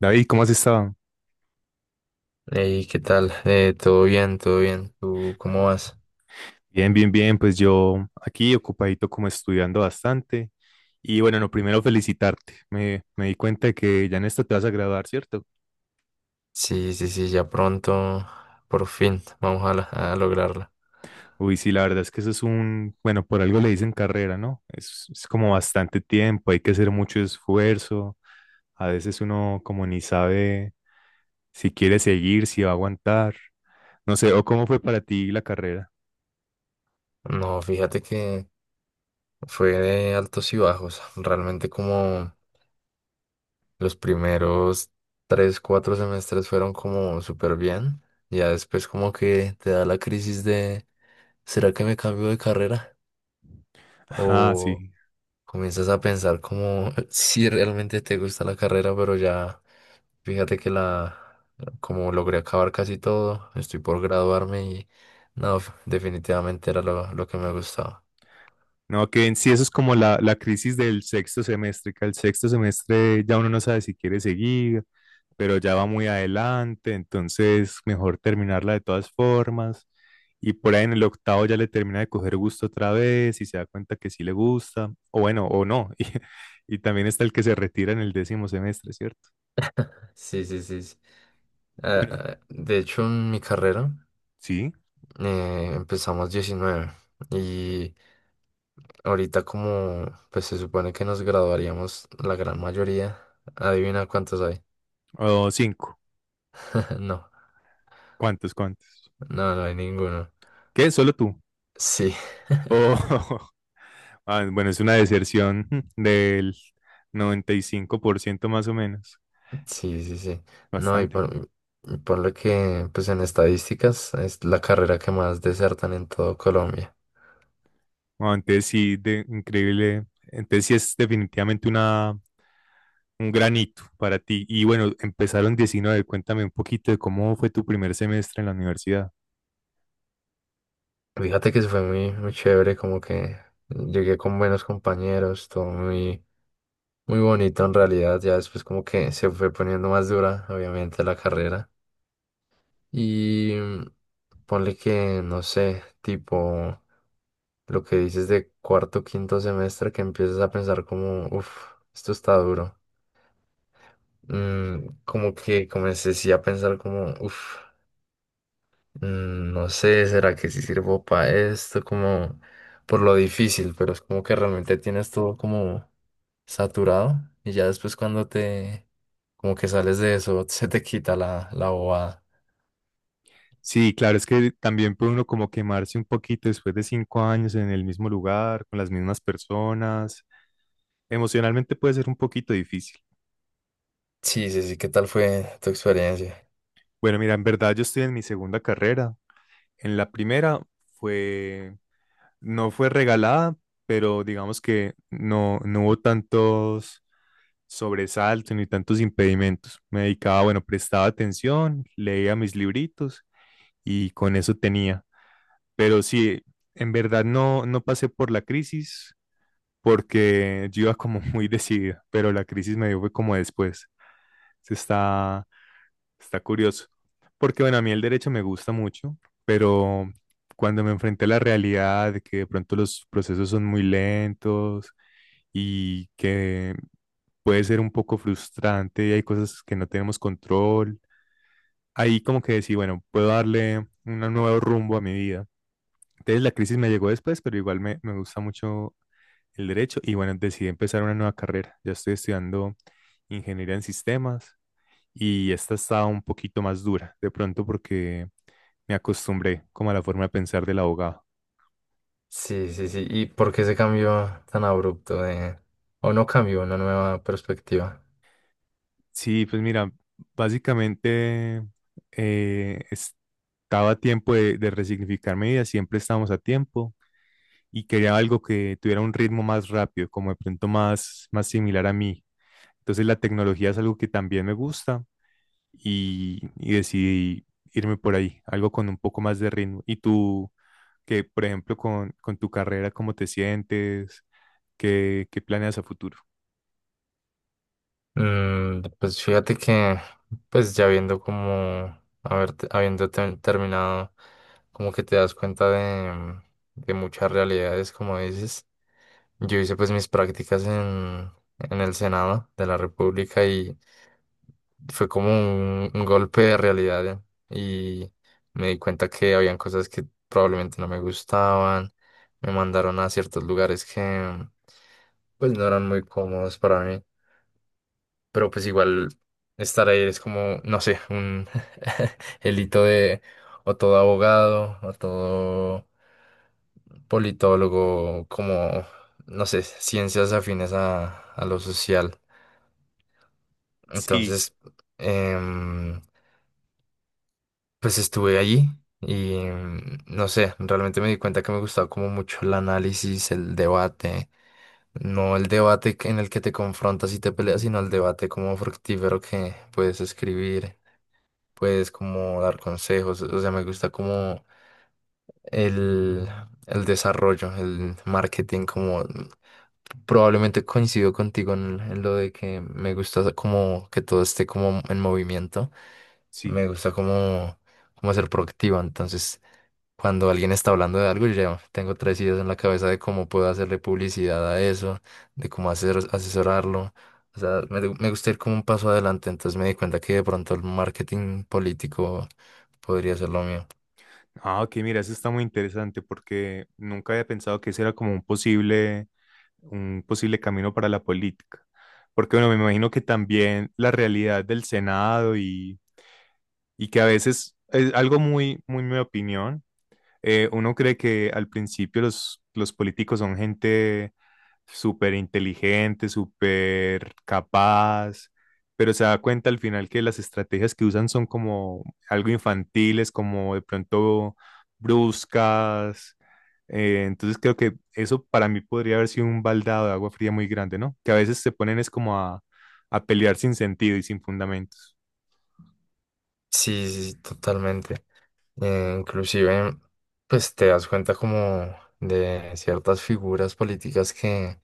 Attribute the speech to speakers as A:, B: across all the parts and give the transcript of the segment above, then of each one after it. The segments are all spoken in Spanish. A: David, ¿cómo has estado?
B: Hey, ¿qué tal? Todo bien, todo bien. ¿Tú cómo vas?
A: Bien, bien, bien. Pues yo aquí ocupadito como estudiando bastante. Y bueno, no, primero felicitarte. Me di cuenta de que ya en esto te vas a graduar, ¿cierto?
B: Sí, sí, sí, ya pronto, por fin, a lograrla.
A: Uy, sí, la verdad es que eso es un, bueno, por algo le dicen carrera, ¿no? Es como bastante tiempo, hay que hacer mucho esfuerzo. A veces uno como ni sabe si quiere seguir, si va a aguantar. No sé, ¿o cómo fue para ti la carrera?
B: No, fíjate que fue de altos y bajos. Realmente como los primeros tres, cuatro semestres fueron como súper bien. Ya después como que te da la crisis de, ¿será que me cambio de carrera?
A: Ah, sí.
B: Comienzas a pensar como si realmente te gusta la carrera, pero ya fíjate que la, como logré acabar casi todo, estoy por graduarme y no, definitivamente era lo que me gustaba.
A: No, que en sí eso es como la crisis del sexto semestre, que al sexto semestre ya uno no sabe si quiere seguir, pero ya va muy adelante, entonces mejor terminarla de todas formas. Y por ahí en el octavo ya le termina de coger gusto otra vez y se da cuenta que sí le gusta, o bueno, o no. Y también está el que se retira en el décimo semestre, ¿cierto?
B: Sí, sí, sí. Sí.
A: Bueno,
B: De hecho, en mi carrera
A: sí,
B: empezamos 19 y ahorita como pues se supone que nos graduaríamos la gran mayoría, adivina cuántos hay.
A: o cinco.
B: No,
A: ¿Cuántos, cuántos?
B: no, no hay ninguno.
A: ¿Qué? ¿Solo tú?
B: Sí,
A: O Ah, bueno, es una deserción del 95% más o menos,
B: sí, sí, sí. No, y
A: bastante.
B: por, Y por lo que, pues en estadísticas, es la carrera que más desertan en todo Colombia.
A: No, entonces sí, de, increíble. Entonces sí es definitivamente una, un granito para ti. Y bueno, empezaron 19. Cuéntame un poquito de cómo fue tu primer semestre en la universidad.
B: Fíjate que eso fue muy, muy chévere, como que llegué con buenos compañeros, todo muy, muy bonito en realidad. Ya después como que se fue poniendo más dura, obviamente, la carrera. Y ponle que, no sé, tipo lo que dices de cuarto, quinto semestre, que empiezas a pensar como, uff, esto está duro. Como que comencé a pensar como, uff, no sé, ¿será que sí sirvo para esto? Como por lo difícil, pero es como que realmente tienes todo como saturado y ya después como que sales de eso, se te quita la bobada.
A: Sí, claro, es que también puede uno como quemarse un poquito después de 5 años en el mismo lugar, con las mismas personas. Emocionalmente puede ser un poquito difícil.
B: Sí, sí, sí, ¿qué tal fue tu experiencia?
A: Bueno, mira, en verdad yo estoy en mi segunda carrera. En la primera fue, no fue regalada, pero digamos que no hubo tantos sobresaltos ni tantos impedimentos. Me dedicaba, bueno, prestaba atención, leía mis libritos y con eso tenía. Pero sí, en verdad no pasé por la crisis porque yo iba como muy decidido. Pero la crisis me dio fue como después. Se está... Está curioso. Porque bueno, a mí el derecho me gusta mucho, pero cuando me enfrenté a la realidad de que de pronto los procesos son muy lentos y que puede ser un poco frustrante y hay cosas que no tenemos control, ahí como que decía, bueno, puedo darle un nuevo rumbo a mi vida. Entonces la crisis me llegó después, pero igual me gusta mucho el derecho y bueno, decidí empezar una nueva carrera. Ya estoy estudiando ingeniería en sistemas y esta estaba un poquito más dura, de pronto porque me acostumbré como a la forma de pensar del abogado.
B: Sí, sí, sí, ¿y por qué ese cambio tan abrupto de, o no cambió, una nueva perspectiva?
A: Sí, pues mira, básicamente estaba a tiempo de resignificar mi vida, siempre estábamos a tiempo y quería algo que tuviera un ritmo más rápido, como de pronto más, más similar a mí. Entonces la tecnología es algo que también me gusta y decidí irme por ahí, algo con un poco más de ritmo. ¿Y tú, que por ejemplo, con tu carrera, cómo te sientes? ¿Qué, qué planeas a futuro?
B: Pues pues ya viendo como, haber, terminado, como que te das cuenta de muchas realidades, como dices. Yo hice pues mis prácticas en el Senado de la República y fue como un golpe de realidad ¿eh? Y me di cuenta que habían cosas que probablemente no me gustaban, me mandaron a ciertos lugares que pues no eran muy cómodos para mí, pero pues igual estar ahí es como, no sé, un el hito de o todo abogado o todo politólogo, como, no sé, ciencias afines a lo social.
A: Sí,
B: Entonces, em, pues estuve allí y no sé, realmente me di cuenta que me gustaba como mucho el análisis, el debate. No el debate en el que te confrontas y te peleas, sino el debate como fructífero que puedes escribir. Pues como dar consejos, o sea, me gusta como el, el desarrollo, el marketing, como... Probablemente coincido contigo en lo de que me gusta como que todo esté como en movimiento.
A: sí.
B: Me gusta como, como ser proactivo. Entonces, cuando alguien está hablando de algo, yo ya tengo tres ideas en la cabeza de cómo puedo hacerle publicidad a eso, de cómo hacer, asesorarlo. O sea, me gusta ir como un paso adelante. Entonces me di cuenta que de pronto el marketing político podría ser lo mío.
A: Ah, ok, mira, eso está muy interesante porque nunca había pensado que ese era como un posible camino para la política. Porque, bueno, me imagino que también la realidad del Senado y que a veces es algo muy, muy mi opinión. Uno cree que al principio los políticos son gente súper inteligente, súper capaz, pero se da cuenta al final que las estrategias que usan son como algo infantiles, como de pronto bruscas. Entonces creo que eso para mí podría haber sido un baldado de agua fría muy grande, ¿no? Que a veces se ponen es como a pelear sin sentido y sin fundamentos.
B: Sí, sí, sí, totalmente. Inclusive, pues te das cuenta como de ciertas figuras políticas que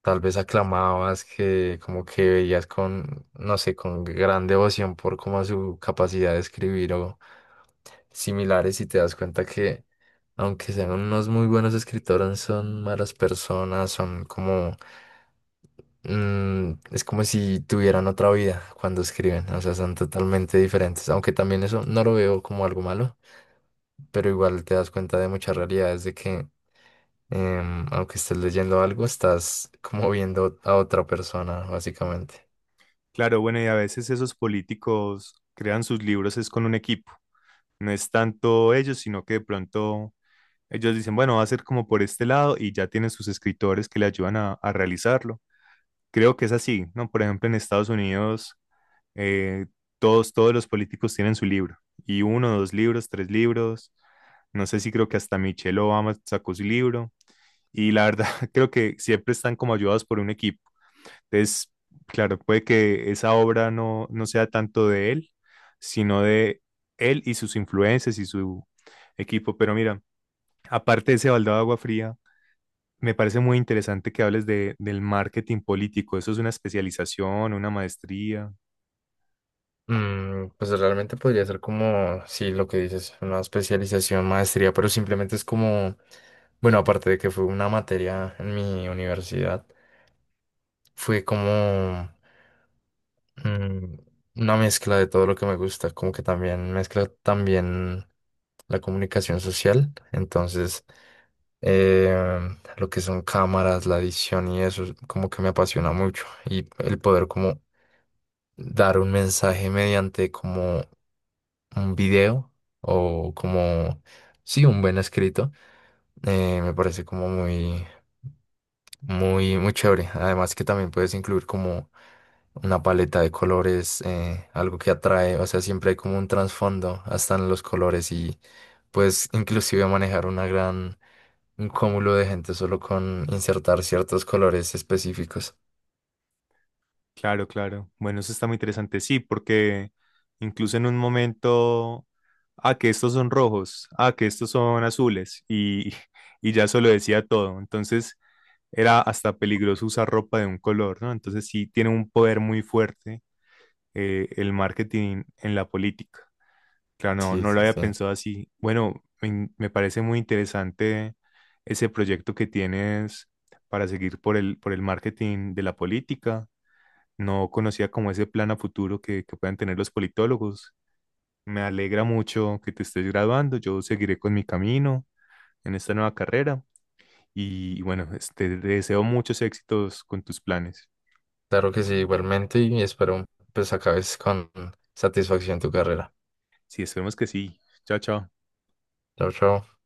B: tal vez aclamabas, que como que veías con, no sé, con gran devoción por como su capacidad de escribir o similares y te das cuenta que aunque sean unos muy buenos escritores, son malas personas, son como... Mm, es como si tuvieran otra vida cuando escriben, o sea, son totalmente diferentes, aunque también eso no lo veo como algo malo, pero igual te das cuenta de muchas realidades de que aunque estés leyendo algo, estás como viendo a otra persona, básicamente.
A: Claro, bueno, y a veces esos políticos crean sus libros es con un equipo. No es tanto ellos, sino que de pronto ellos dicen, bueno, va a ser como por este lado y ya tienen sus escritores que le ayudan a realizarlo. Creo que es así, ¿no? Por ejemplo, en Estados Unidos, eh, todos los políticos tienen su libro y uno, dos libros, tres libros. No sé si creo que hasta Michelle Obama sacó su libro. Y la verdad, creo que siempre están como ayudados por un equipo. Entonces, claro, puede que esa obra no sea tanto de él, sino de él y sus influencias y su equipo. Pero mira, aparte de ese baldado de agua fría, me parece muy interesante que hables de, del marketing político. ¿Eso es una especialización, una maestría?
B: Pues realmente podría ser como, sí, lo que dices, una especialización, maestría, pero simplemente es como, bueno, aparte de que fue una materia en mi universidad, fue como... mm, una mezcla de todo lo que me gusta, como que también mezcla también la comunicación social, entonces eh, lo que son cámaras, la edición y eso, como que me apasiona mucho y el poder como dar un mensaje mediante como un video o como, sí, un buen escrito, me parece como muy... Muy, muy chévere. Además que también puedes incluir como una paleta de colores, algo que atrae, o sea, siempre hay como un trasfondo hasta en los colores y puedes inclusive manejar un cúmulo de gente solo con insertar ciertos colores específicos.
A: Claro, claro. Bueno, eso está muy interesante. Sí, porque incluso en un momento, ah, que estos son rojos, ah, que estos son azules, y, y ya eso lo decía todo. Entonces, era hasta peligroso usar ropa de un color, ¿no? Entonces sí tiene un poder muy fuerte el marketing en la política. Claro, no,
B: Sí,
A: no lo
B: sí,
A: había
B: sí.
A: pensado así. Bueno, me parece muy interesante ese proyecto que tienes para seguir por el marketing de la política. No conocía como ese plan a futuro que puedan tener los politólogos. Me alegra mucho que te estés graduando. Yo seguiré con mi camino en esta nueva carrera. Y bueno, este, te deseo muchos éxitos con tus planes.
B: Claro que sí, igualmente y espero pues acabes con satisfacción tu carrera.
A: Sí, esperemos que sí. Chao, chao.
B: Chao, chao.